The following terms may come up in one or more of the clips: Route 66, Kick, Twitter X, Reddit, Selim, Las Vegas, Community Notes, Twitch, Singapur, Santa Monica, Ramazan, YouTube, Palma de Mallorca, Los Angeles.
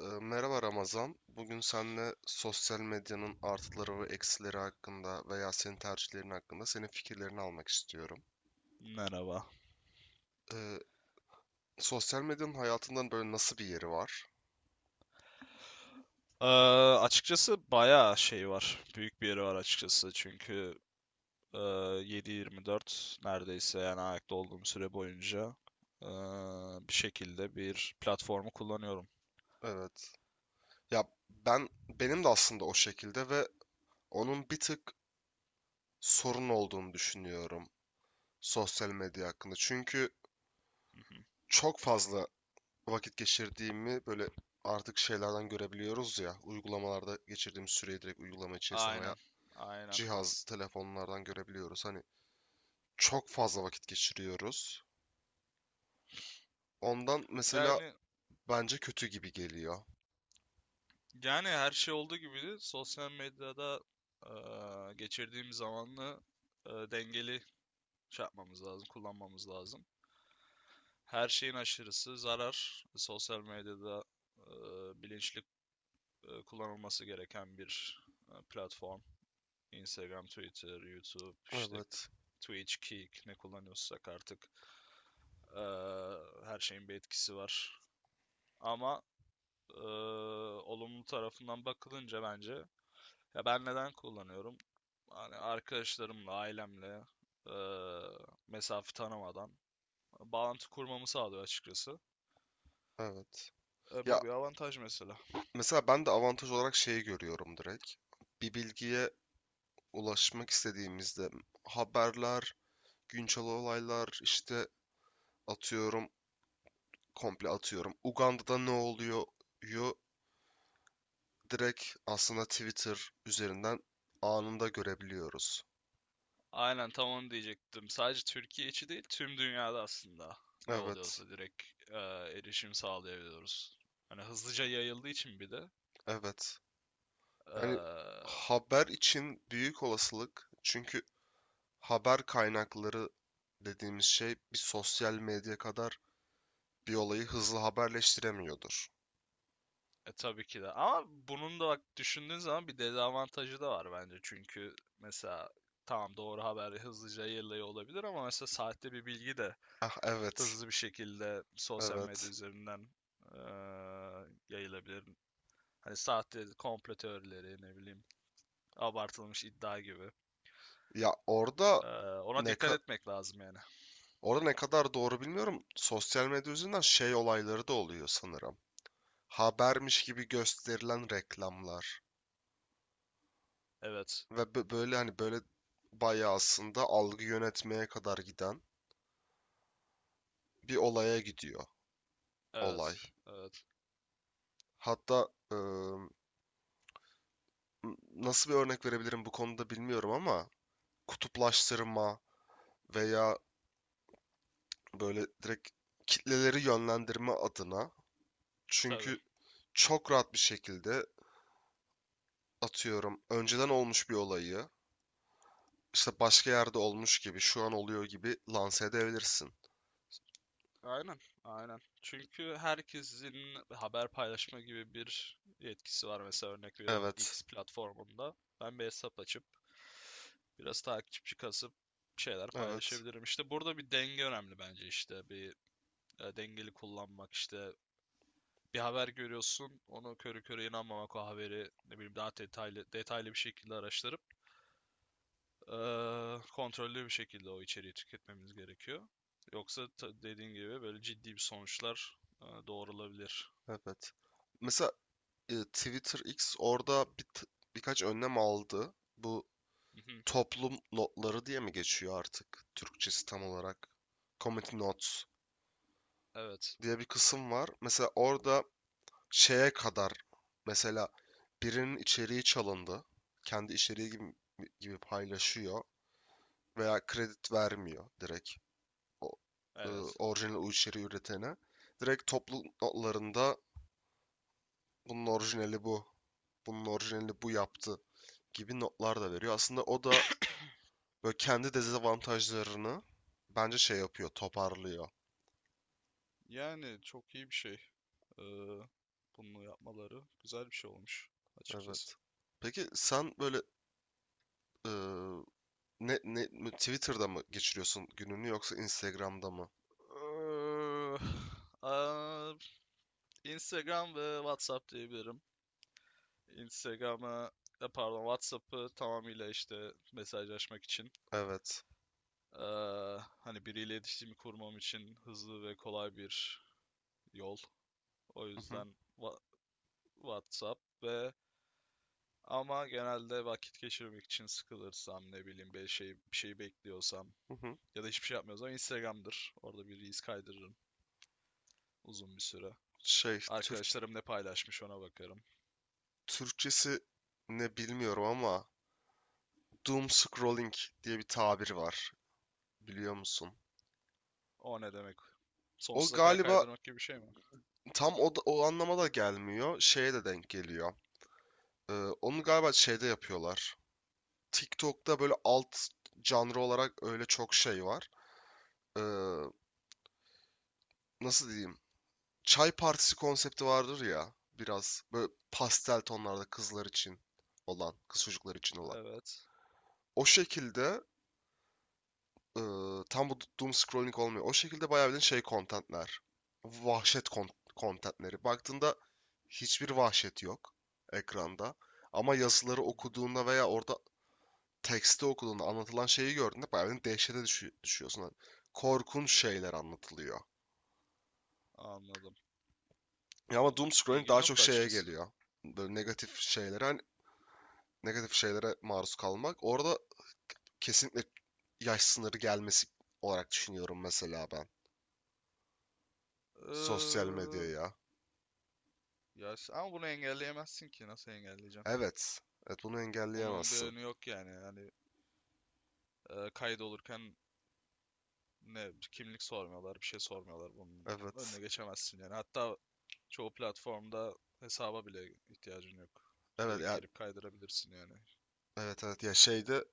Merhaba Ramazan. Bugün seninle sosyal medyanın artıları ve eksileri hakkında veya senin tercihlerin hakkında senin fikirlerini almak istiyorum. Merhaba. Ee, sosyal medyanın hayatından böyle nasıl bir yeri var? Ee, Açıkçası bayağı şey var. Büyük bir yeri var açıkçası. Çünkü 7-24 neredeyse yani ayakta olduğum süre boyunca e, bir şekilde bir platformu kullanıyorum. Evet. Ya benim de aslında o şekilde ve onun bir tık sorun olduğunu düşünüyorum sosyal medya hakkında. Çünkü Hı hı. çok fazla vakit geçirdiğimi böyle artık şeylerden görebiliyoruz ya, uygulamalarda geçirdiğim süreyi direkt uygulama içerisinde veya Aynen. Aynen. cihaz, telefonlardan görebiliyoruz. Hani çok fazla vakit geçiriyoruz. Ondan mesela Yani bence kötü gibi geliyor. yani her şey olduğu gibi de sosyal medyada e, geçirdiğim zamanı dengeli şey yapmamız lazım, kullanmamız lazım. Her şeyin aşırısı zarar. Sosyal medyada e, bilinçli kullanılması gereken bir platform. Instagram, Twitter, YouTube, işte Evet, Twitch, Kick ne kullanıyorsak artık e, her şeyin bir etkisi var. Ama e, olumlu tarafından bakılınca bence ya ben neden kullanıyorum? Hani arkadaşlarımla, ailemle e, mesafe tanımadan bağlantı kurmamı sağlıyor açıkçası. evet. Ya Bu bir avantaj mesela. mesela ben de avantaj olarak şeyi görüyorum direkt. Bir bilgiye ulaşmak istediğimizde haberler, güncel olaylar, işte atıyorum, komple atıyorum. Uganda'da ne oluyor? yu Direkt aslında Twitter üzerinden anında görebiliyoruz. Aynen, tam onu diyecektim. Sadece Türkiye içi değil, tüm dünyada aslında ne Evet, oluyorsa direkt e, erişim sağlayabiliyoruz. Hani hızlıca yayıldığı için bir de, evet. e, Yani haber için büyük olasılık, çünkü haber kaynakları dediğimiz şey bir sosyal medya kadar bir olayı hızlı haberleştiremiyordur. Tabii ki de. Ama bunun da bak düşündüğün zaman bir dezavantajı da var bence. Çünkü mesela tamam, doğru haber hızlıca yayılıyor olabilir ama mesela sahte bir bilgi de Ah evet, hızlı bir şekilde sosyal medya evet. üzerinden e, yayılabilir. Hani sahte komplo teorileri, ne bileyim abartılmış iddia gibi. Ya orada Ee, Ona ne dikkat ka- etmek lazım yani. orada ne kadar doğru bilmiyorum. Sosyal medya üzerinden şey olayları da oluyor sanırım. Habermiş gibi gösterilen reklamlar Evet. ve böyle, hani böyle bayağı aslında algı yönetmeye kadar giden bir olaya gidiyor olay. Evet. Evet. Hatta nasıl bir örnek verebilirim bu konuda bilmiyorum, ama kutuplaştırma veya böyle direkt kitleleri yönlendirme adına, Tabii. çünkü çok rahat bir şekilde atıyorum önceden olmuş bir olayı işte başka yerde olmuş gibi, şu an oluyor gibi lanse edebilirsin. Aynen. Aynen. Çünkü herkesin haber paylaşma gibi bir yetkisi var. Mesela örnek veriyorum, Evet, X platformunda ben bir hesap açıp biraz takipçi kasıp şeyler evet. paylaşabilirim. İşte burada bir denge önemli bence işte. Bir dengeli kullanmak işte. Bir haber görüyorsun, onu körü körü inanmamak, o haberi ne bileyim daha detaylı detaylı bir şekilde araştırıp kontrollü bir şekilde o içeriği tüketmemiz gerekiyor. Yoksa dediğin gibi böyle ciddi bir sonuçlar doğrulabilir. Evet. Mesela Twitter X orada birkaç önlem aldı. Bu Mhm. toplum notları diye mi geçiyor artık Türkçesi tam olarak? Community Notes Evet, diye bir kısım var. Mesela orada şeye kadar, mesela birinin içeriği çalındı. Kendi içeriği gibi, gibi paylaşıyor veya kredi vermiyor direkt o, e, evet. orijinal o içeriği üretene. Direkt toplum notlarında bunun orijinali bu, bunun orijinali bu yaptı gibi notlar da veriyor. Aslında o da böyle kendi dezavantajlarını bence şey yapıyor, toparlıyor. Yani çok iyi bir şey. Eee Bunu yapmaları güzel bir şey olmuş açıkçası. Evet. Peki sen böyle e, ne Twitter'da mı geçiriyorsun gününü, yoksa Instagram'da mı? Eee, eee, Instagram ve WhatsApp diyebilirim. Instagram'a, pardon, WhatsApp'ı tamamıyla işte mesajlaşmak için, Evet. Hani biriyle iletişimi kurmam için hızlı ve kolay bir yol. O Hı hı, yüzden WhatsApp ve ama genelde vakit geçirmek için sıkılırsam, ne bileyim bir şey bekliyorsam hı hı. ya da hiçbir şey yapmıyorsam Instagram'dır. Orada bir reels kaydırırım uzun bir süre. Şey. Arkadaşlarım ne paylaşmış ona bakarım. Türkçesi ne bilmiyorum ama doom scrolling diye bir tabir var. Biliyor musun? O ne demek? O Sonsuza kadar galiba kaydırmak gibi bir şey mi? tam o anlama da gelmiyor. Şeye de denk geliyor. Ee, Onu galiba şeyde yapıyorlar. TikTok'ta böyle alt, canlı olarak öyle çok şey var. Ee, nasıl diyeyim? Çay partisi konsepti vardır ya. Biraz böyle pastel tonlarda kızlar için olan, kız çocuklar için olan. Evet. O şekilde e, tam bu doom scrolling olmuyor. O şekilde bayağı bildiğin şey contentler. Vahşet kon- contentleri. Baktığında hiçbir vahşet yok ekranda. Ama yazıları Hı hı. okuduğunda veya orada tekste okuduğunda anlatılan şeyi gördüğünde bayağı bir dehşete düşüyorsun. Hani korkunç şeyler anlatılıyor. Anladım. Ya ama doom Bunun scrolling bilgim daha çok yoktu şeye açıkçası. geliyor. Böyle negatif şeylere, hani negatif şeylere maruz kalmak. Orada kesinlikle yaş sınırı gelmesi olarak düşünüyorum mesela ben. Sosyal Ee, medyaya. Ya ama bunu engelleyemezsin ki. Nasıl engelleyeceksin? Evet. Evet, bunu Bunun bir engelleyemezsin. önü yok yani. Hani kaydolurken ne kimlik sormuyorlar, bir şey sormuyorlar. Bunun Evet. önüne geçemezsin yani. Hatta çoğu platformda hesaba bile ihtiyacın yok. Evet Direkt ya, girip kaydırabilirsin yani. evet, evet ya, şeyde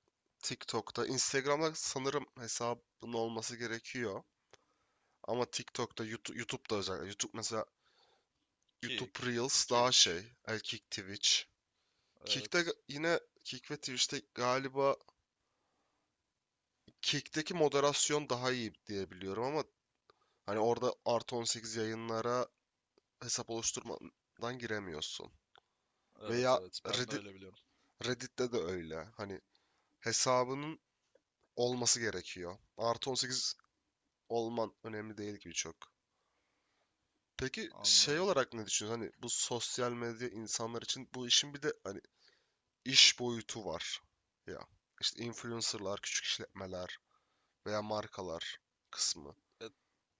TikTok'ta, Instagram'da sanırım hesabın olması gerekiyor. Ama TikTok'ta, YouTube, YouTube'da özellikle. YouTube mesela, Kick, YouTube Reels daha şey. Twitch. El Kick Twitch. Kick'te, Evet. yine Kick ve Twitch'te galiba Kick'teki moderasyon daha iyi diye biliyorum, ama hani orada artı 18 yayınlara hesap oluşturmadan giremiyorsun. Evet, Veya evet, ben de Reddit, öyle biliyorum. Reddit'te de öyle. Hani hesabının olması gerekiyor. Artı 18 olman önemli değil gibi çok. Peki şey Anladım. olarak ne düşünüyorsun? Hani bu sosyal medya insanlar için, bu işin bir de hani iş boyutu var. Ya işte influencerlar, küçük işletmeler veya markalar kısmı. Evet,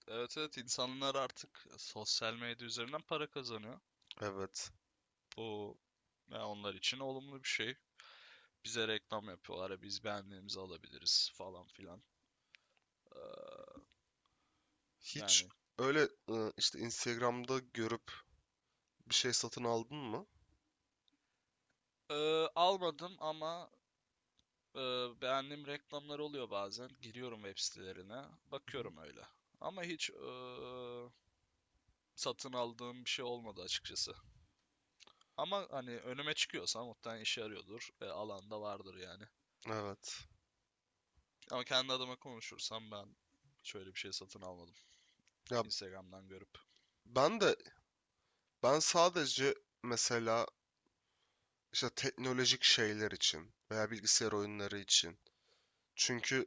evet, evet, insanlar artık sosyal medya üzerinden para kazanıyor. Evet. Bu, ya onlar için olumlu bir şey. Bize reklam yapıyorlar. Ya biz beğendiğimizi alabiliriz falan filan. Ee, Hiç Yani öyle işte Instagram'da görüp bir şey satın aldın mı? Almadım ama beğendiğim reklamlar oluyor bazen. Giriyorum web sitelerine. Hı hı. Bakıyorum öyle. Ama hiç satın aldığım bir şey olmadı açıkçası. Ama hani önüme çıkıyorsa muhtemelen işe yarıyordur. Alanda vardır yani. Evet. Ama kendi adıma konuşursam ben şöyle bir şey satın almadım, Ya Instagram'dan görüp. ben de, ben sadece mesela işte teknolojik şeyler için veya bilgisayar oyunları için. Çünkü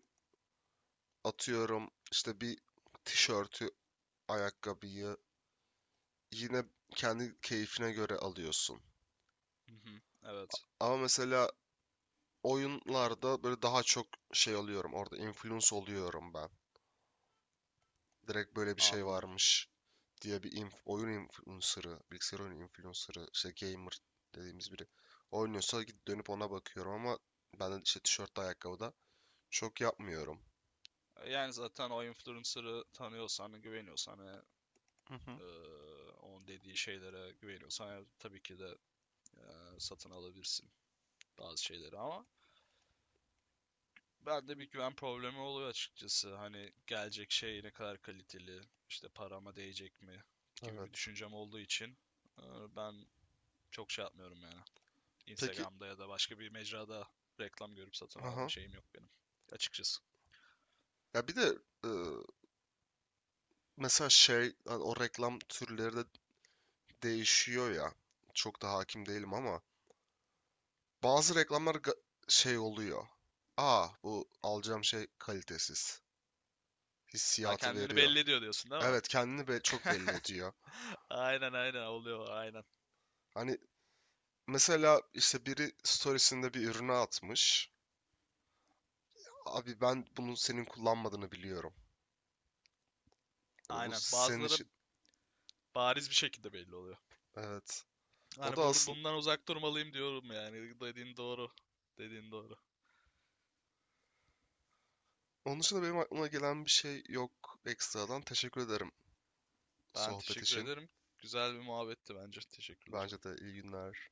atıyorum işte bir tişörtü, ayakkabıyı yine kendi keyfine göre alıyorsun. Hı hı, evet, Ama mesela oyunlarda böyle daha çok şey alıyorum. Orada influence oluyorum ben. Direkt böyle bir şey anladım. varmış diye oyun influencer'ı, bilgisayar oyunu influencer'ı, işte gamer dediğimiz biri oynuyorsa gidip dönüp ona bakıyorum, ama ben de işte tişörtte, ayakkabıda çok yapmıyorum. Yani zaten o influencer'ı tanıyorsan, güveniyorsan ve e, onun dediği şeylere güveniyorsan tabii ki de e, satın alabilirsin bazı şeyleri ama bende bir güven problemi oluyor açıkçası. Hani gelecek şey ne kadar kaliteli, işte parama değecek mi gibi bir Evet. düşüncem olduğu için e, ben çok şey yapmıyorum yani. Peki, Instagram'da ya da başka bir mecrada reklam görüp satın alma aha. şeyim yok benim açıkçası. Ya bir de e, mesela şey, hani o reklam türleri de değişiyor ya. Çok da hakim değilim ama bazı reklamlar şey oluyor. Aa, bu alacağım şey kalitesiz Ha, hissiyatı kendini veriyor. belli ediyor diyorsun, değil mi? Evet, kendini çok belli ediyor. Aynen, aynen oluyor, aynen. Hani mesela işte biri storiesinde bir ürünü atmış. Abi, ben bunun senin kullanmadığını biliyorum. Hani bu Aynen. senin Bazıları için, bariz bir şekilde belli oluyor. evet. O Hani da bu, aslında, bundan uzak durmalıyım diyorum yani. Dediğin doğru. Dediğin doğru. onun dışında benim aklıma gelen bir şey yok ekstradan. Teşekkür ederim Ben sohbet teşekkür için. ederim. Güzel bir muhabbetti bence. Teşekkürler. Bence de, iyi günler.